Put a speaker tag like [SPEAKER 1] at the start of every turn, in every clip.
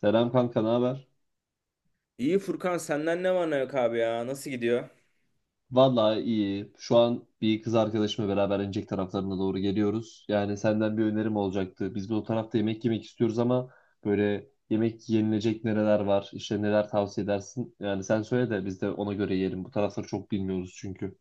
[SPEAKER 1] Selam kanka, ne haber?
[SPEAKER 2] İyi Furkan senden ne var ne yok abi ya? Nasıl gidiyor?
[SPEAKER 1] Vallahi iyi. Şu an bir kız arkadaşımla beraber Incek taraflarına doğru geliyoruz. Yani senden bir önerim olacaktı. Biz de o tarafta yemek yemek istiyoruz ama böyle yemek yenilecek nereler var, işte neler tavsiye edersin? Yani sen söyle de biz de ona göre yiyelim. Bu tarafları çok bilmiyoruz çünkü.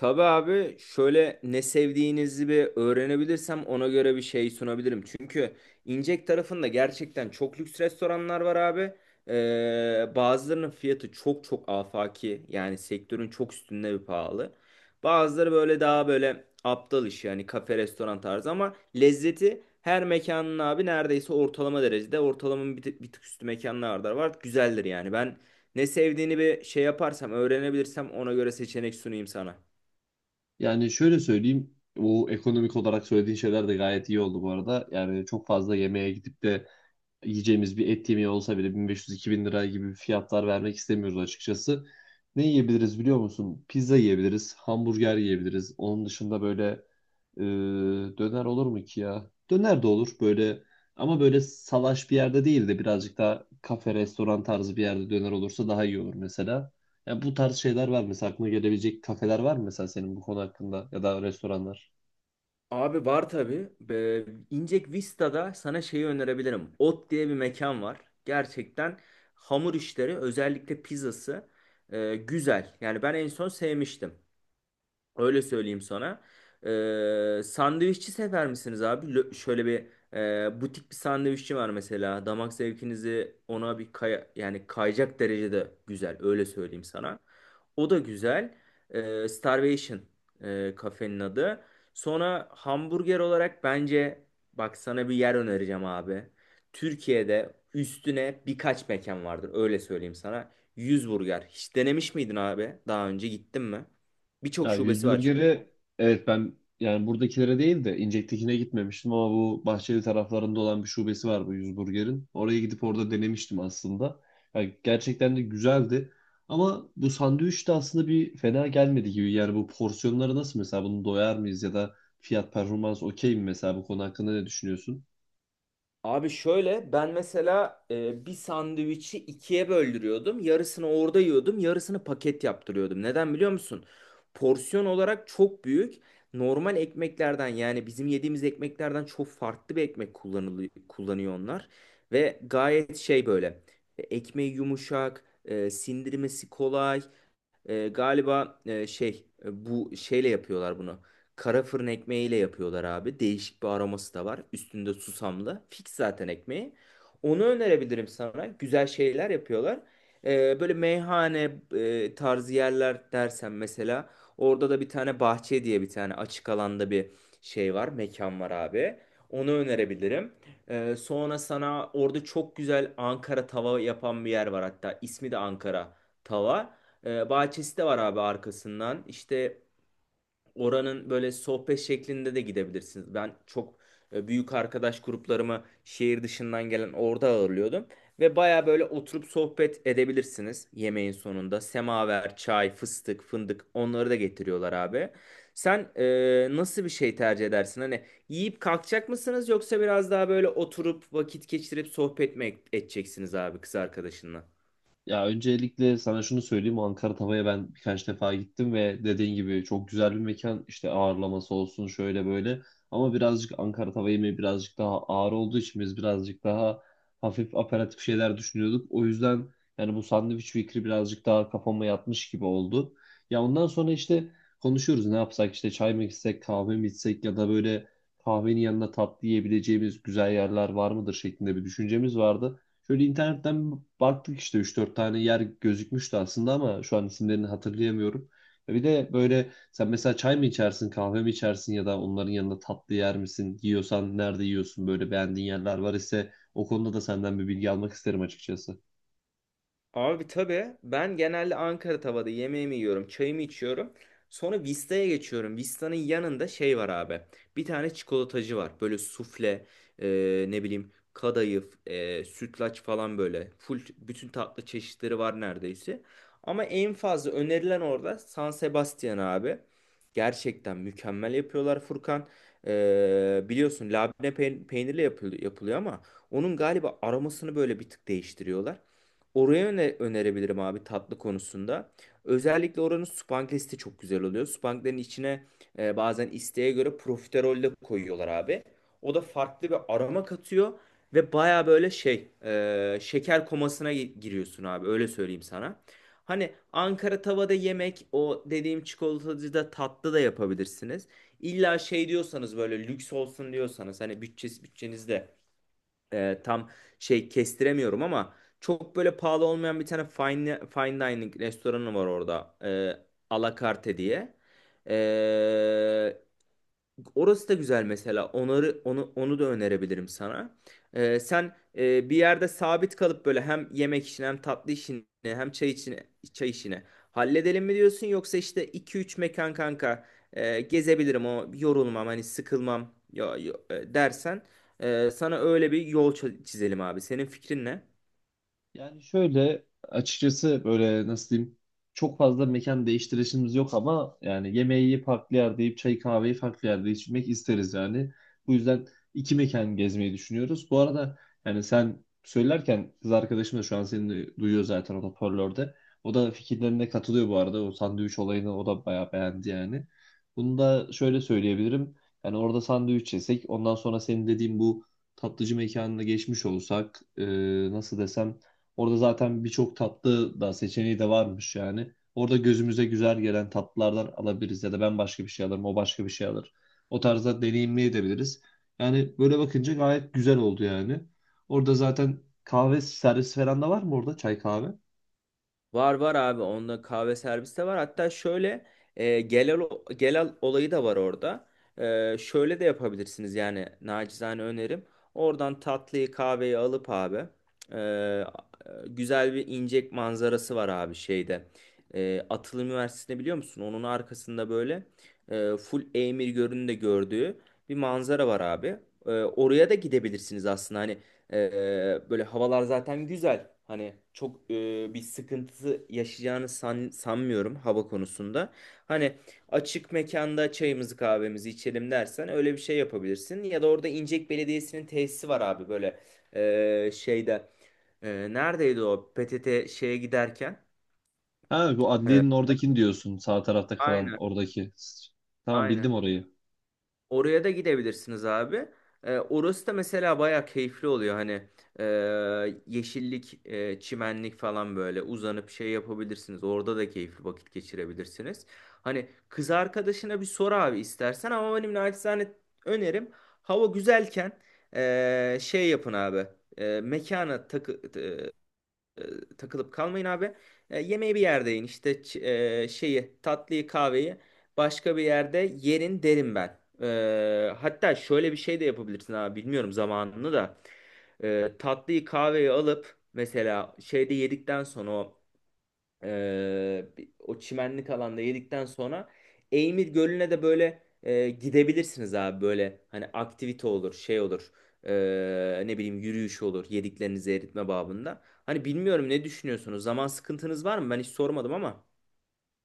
[SPEAKER 2] Tabii abi şöyle ne sevdiğinizi bir öğrenebilirsem ona göre bir şey sunabilirim. Çünkü İncek tarafında gerçekten çok lüks restoranlar var abi. Bazılarının fiyatı çok çok afaki, yani sektörün çok üstünde bir pahalı. Bazıları böyle daha böyle aptal iş, yani kafe restoran tarzı, ama lezzeti her mekanın abi neredeyse ortalama derecede, ortalamanın bir tık üstü mekanlarda var. Güzeldir yani. Ben ne sevdiğini bir şey yaparsam öğrenebilirsem ona göre seçenek sunayım sana.
[SPEAKER 1] Yani şöyle söyleyeyim, bu ekonomik olarak söylediğin şeyler de gayet iyi oldu bu arada. Yani çok fazla yemeğe gidip de yiyeceğimiz bir et yemeği olsa bile 1.500-2.000 lira gibi fiyatlar vermek istemiyoruz açıkçası. Ne yiyebiliriz biliyor musun? Pizza yiyebiliriz, hamburger yiyebiliriz. Onun dışında böyle e, döner olur mu ki ya? Döner de olur böyle ama böyle salaş bir yerde değil de birazcık daha kafe, restoran tarzı bir yerde döner olursa daha iyi olur mesela. Ya bu tarz şeyler var mesela aklına gelebilecek kafeler var mı mesela senin bu konu hakkında ya da restoranlar?
[SPEAKER 2] Abi var tabii. İncek Vista'da sana şeyi önerebilirim. Ot diye bir mekan var. Gerçekten hamur işleri, özellikle pizzası güzel. Yani ben en son sevmiştim. Öyle söyleyeyim sana. Sandviççi sever misiniz abi? Şöyle bir butik bir sandviççi var mesela. Damak zevkinizi ona bir kaya, yani kayacak derecede güzel. Öyle söyleyeyim sana. O da güzel. Starvation kafenin adı. Sonra hamburger olarak, bence bak sana bir yer önereceğim abi. Türkiye'de üstüne birkaç mekan vardır. Öyle söyleyeyim sana. Yüz Burger. Hiç denemiş miydin abi? Daha önce gittin mi? Birçok
[SPEAKER 1] Ya yüz
[SPEAKER 2] şubesi var çünkü.
[SPEAKER 1] burgeri, evet, ben yani buradakilere değil de İncek'tekine gitmemiştim ama bu Bahçeli taraflarında olan bir şubesi var bu yüz burgerin. Oraya gidip orada denemiştim aslında. Yani gerçekten de güzeldi. Ama bu sandviç de aslında bir fena gelmedi gibi. Yani bu porsiyonları nasıl mesela, bunu doyar mıyız ya da fiyat performans okey mi mesela, bu konu hakkında ne düşünüyorsun?
[SPEAKER 2] Abi şöyle, ben mesela bir sandviçi ikiye böldürüyordum. Yarısını orada yiyordum, yarısını paket yaptırıyordum. Neden biliyor musun? Porsiyon olarak çok büyük. Normal ekmeklerden, yani bizim yediğimiz ekmeklerden çok farklı bir ekmek kullanılıyor, kullanıyor onlar. Ve gayet şey böyle, ekmeği yumuşak, sindirmesi kolay. Galiba şey, bu şeyle yapıyorlar bunu. Kara fırın ekmeğiyle yapıyorlar abi. Değişik bir aroması da var. Üstünde susamlı. Fix zaten ekmeği. Onu önerebilirim sana. Güzel şeyler yapıyorlar. Böyle meyhane tarzı yerler dersen mesela, orada da bir tane bahçe diye bir tane açık alanda bir şey var. Mekan var abi. Onu önerebilirim. Sonra sana orada çok güzel Ankara tava yapan bir yer var hatta. İsmi de Ankara tava. Bahçesi de var abi arkasından. İşte oranın böyle sohbet şeklinde de gidebilirsiniz. Ben çok büyük arkadaş gruplarımı şehir dışından gelen orada ağırlıyordum. Ve baya böyle oturup sohbet edebilirsiniz yemeğin sonunda. Semaver, çay, fıstık, fındık, onları da getiriyorlar abi. Sen nasıl bir şey tercih edersin? Hani yiyip kalkacak mısınız, yoksa biraz daha böyle oturup vakit geçirip sohbet mi edeceksiniz abi kız arkadaşınla?
[SPEAKER 1] Ya öncelikle sana şunu söyleyeyim. Ankara Tava'ya ben birkaç defa gittim ve dediğin gibi çok güzel bir mekan. İşte ağırlaması olsun şöyle böyle. Ama birazcık Ankara Tava yemeği birazcık daha ağır olduğu için biz birazcık daha hafif aperatif şeyler düşünüyorduk. O yüzden yani bu sandviç fikri birazcık daha kafama yatmış gibi oldu. Ya ondan sonra işte konuşuyoruz, ne yapsak işte, çay mı içsek, kahve mi içsek ya da böyle kahvenin yanına tatlı yiyebileceğimiz güzel yerler var mıdır şeklinde bir düşüncemiz vardı. Şöyle internetten baktık, işte üç dört tane yer gözükmüştü aslında ama şu an isimlerini hatırlayamıyorum. Ya bir de böyle sen mesela çay mı içersin, kahve mi içersin ya da onların yanında tatlı yer misin? Yiyorsan nerede yiyorsun? Böyle beğendiğin yerler var ise o konuda da senden bir bilgi almak isterim açıkçası.
[SPEAKER 2] Abi tabii, ben genelde Ankara tavada yemeğimi yiyorum, çayımı içiyorum. Sonra Vista'ya geçiyorum. Vista'nın yanında şey var abi. Bir tane çikolatacı var. Böyle sufle, ne bileyim kadayıf, sütlaç falan böyle. Full bütün tatlı çeşitleri var neredeyse. Ama en fazla önerilen orada San Sebastian abi. Gerçekten mükemmel yapıyorlar Furkan. Biliyorsun labne peynirle yapılıyor, ama onun galiba aromasını böyle bir tık değiştiriyorlar. Oraya önerebilirim abi tatlı konusunda. Özellikle oranın supanglesi çok güzel oluyor. Supanglerin içine bazen isteğe göre profiterol de koyuyorlar abi. O da farklı bir aroma katıyor ve baya böyle şey, şeker komasına giriyorsun abi, öyle söyleyeyim sana. Hani Ankara tavada yemek, o dediğim çikolatacıda tatlı da yapabilirsiniz. İlla şey diyorsanız, böyle lüks olsun diyorsanız, hani bütçesi bütçenizde tam şey kestiremiyorum, ama çok böyle pahalı olmayan bir tane fine dining restoranı var orada. Alakarte diye. E, Orası da güzel mesela. Onları onu onu da önerebilirim sana. Sen bir yerde sabit kalıp böyle hem yemek işini, hem tatlı işini, hem çay işini halledelim mi diyorsun, yoksa işte iki üç mekan kanka gezebilirim, o yorulmam, hani sıkılmam, ya, dersen sana öyle bir yol çizelim abi. Senin fikrin ne?
[SPEAKER 1] Yani şöyle açıkçası böyle nasıl diyeyim, çok fazla mekan değiştirişimiz yok ama yani yemeği farklı yerde yiyip çay kahveyi farklı yerde içmek isteriz yani. Bu yüzden iki mekan gezmeyi düşünüyoruz. Bu arada yani sen söylerken kız arkadaşım da şu an seni de duyuyor zaten, o hoparlörde. O da fikirlerine katılıyor bu arada. O sandviç olayını o da bayağı beğendi yani. Bunu da şöyle söyleyebilirim. Yani orada sandviç yesek, ondan sonra senin dediğin bu tatlıcı mekanına geçmiş olsak, nasıl desem, orada zaten birçok tatlı da seçeneği de varmış yani. Orada gözümüze güzel gelen tatlılardan alabiliriz ya da ben başka bir şey alırım, o başka bir şey alır. O tarzda deneyimleyebiliriz. Yani böyle bakınca gayet güzel oldu yani. Orada zaten kahve servis falan da var mı orada? Çay kahve?
[SPEAKER 2] Var, var abi, onda kahve servisi de var. Hatta şöyle e, gelal, gelal olayı da var orada. Şöyle de yapabilirsiniz yani, nacizane önerim. Oradan tatlıyı kahveyi alıp abi, e, güzel bir incek manzarası var abi şeyde. Atıl Üniversitesi'ni biliyor musun? Onun arkasında böyle full Eymir Gölü'nü de gördüğü bir manzara var abi. Oraya da gidebilirsiniz aslında, hani böyle havalar zaten güzel. Hani çok bir sıkıntısı yaşayacağını sanmıyorum hava konusunda. Hani açık mekanda çayımızı kahvemizi içelim dersen öyle bir şey yapabilirsin. Ya da orada İncek Belediyesi'nin tesisi var abi, böyle şeyde. Neredeydi o PTT şeye giderken?
[SPEAKER 1] Ha, bu
[SPEAKER 2] E,
[SPEAKER 1] adliyenin oradakini diyorsun. Sağ tarafta kalan
[SPEAKER 2] aynen,
[SPEAKER 1] oradaki. Tamam,
[SPEAKER 2] aynen.
[SPEAKER 1] bildim orayı.
[SPEAKER 2] Oraya da gidebilirsiniz abi. Orası da mesela bayağı keyifli oluyor. Hani e, yeşillik, çimenlik falan, böyle uzanıp şey yapabilirsiniz. Orada da keyifli vakit geçirebilirsiniz. Hani kız arkadaşına bir sor abi istersen, ama benim naçizane önerim, hava güzelken şey yapın abi. Mekana takılıp kalmayın abi. Yemeği bir yerde yiyin. İşte şeyi, tatlıyı, kahveyi başka bir yerde yerin derim ben. Hatta şöyle bir şey de yapabilirsin abi. Bilmiyorum zamanını da. Tatlıyı, kahveyi alıp mesela şeyde yedikten sonra, ee, o çimenlik alanda yedikten sonra Eymir Gölü'ne de böyle gidebilirsiniz abi, böyle hani aktivite olur, şey olur. Ne bileyim, yürüyüş olur, yediklerinizi eritme babında. Hani bilmiyorum, ne düşünüyorsunuz, zaman sıkıntınız var mı, ben hiç sormadım ama.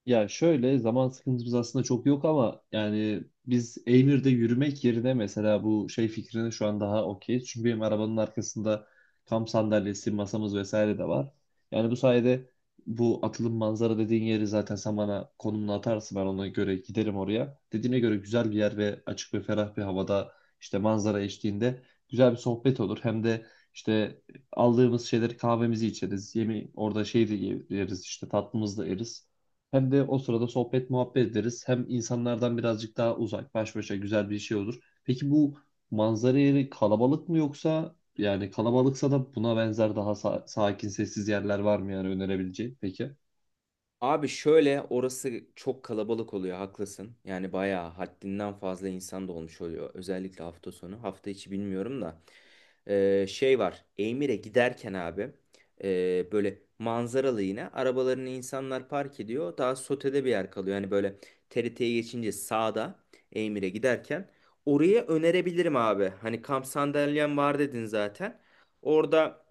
[SPEAKER 1] Ya şöyle, zaman sıkıntımız aslında çok yok ama yani biz Eymir'de yürümek yerine mesela bu şey fikrine şu an daha okeyiz. Çünkü benim arabanın arkasında kamp sandalyesi, masamız vesaire de var. Yani bu sayede bu atılım manzara dediğin yeri zaten sen bana konumunu atarsın, ben ona göre giderim oraya. Dediğine göre güzel bir yer ve açık ve ferah bir havada, işte manzara eşliğinde güzel bir sohbet olur. Hem de işte aldığımız şeyleri, kahvemizi içeriz. Yemi orada şey de yeriz, işte tatlımızı da yeriz. Hem de o sırada sohbet muhabbet ederiz. Hem insanlardan birazcık daha uzak, baş başa güzel bir şey olur. Peki bu manzara yeri kalabalık mı, yoksa yani kalabalıksa da buna benzer daha sakin, sessiz yerler var mı yani önerebileceğin? Peki.
[SPEAKER 2] Abi şöyle, orası çok kalabalık oluyor, haklısın. Yani bayağı haddinden fazla insan da olmuş oluyor. Özellikle hafta sonu. Hafta içi bilmiyorum da. Şey var. Emir'e giderken abi böyle manzaralı, yine arabalarını insanlar park ediyor. Daha sotede bir yer kalıyor. Yani böyle TRT'ye geçince sağda, Emir'e giderken, oraya önerebilirim abi. Hani kamp sandalyem var dedin zaten. Orada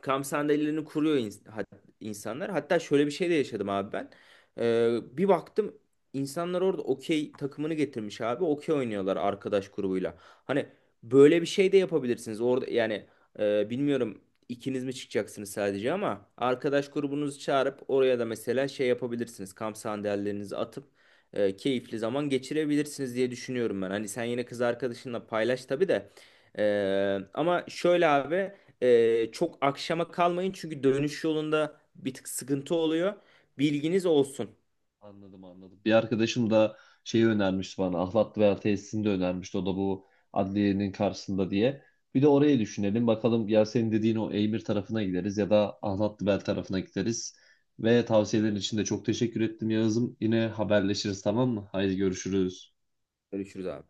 [SPEAKER 2] kamp sandalyelerini kuruyor insanlar. Hatta şöyle bir şey de yaşadım abi ben. Ee, bir baktım, insanlar orada okey takımını getirmiş abi. Okey oynuyorlar arkadaş grubuyla. Hani böyle bir şey de yapabilirsiniz. Orada yani, bilmiyorum ikiniz mi çıkacaksınız sadece, ama arkadaş grubunuzu çağırıp oraya da mesela şey yapabilirsiniz. Kamp sandalyelerinizi atıp keyifli zaman geçirebilirsiniz diye düşünüyorum ben. Hani sen yine kız arkadaşınla paylaş tabii de. Ama şöyle abi. Çok akşama kalmayın, çünkü dönüş yolunda bir tık sıkıntı oluyor. Bilginiz olsun.
[SPEAKER 1] Anladım, anladım. Bir arkadaşım da şeyi önermişti bana. Ahlat Duyar Tesisini de önermişti. O da bu adliyenin karşısında diye. Bir de orayı düşünelim. Bakalım, ya senin dediğin o Eymir tarafına gideriz ya da Ahlat Duyar tarafına gideriz. Ve tavsiyelerin için de çok teşekkür ettim Yağız'ım. Yine haberleşiriz, tamam mı? Haydi görüşürüz.
[SPEAKER 2] Görüşürüz abi.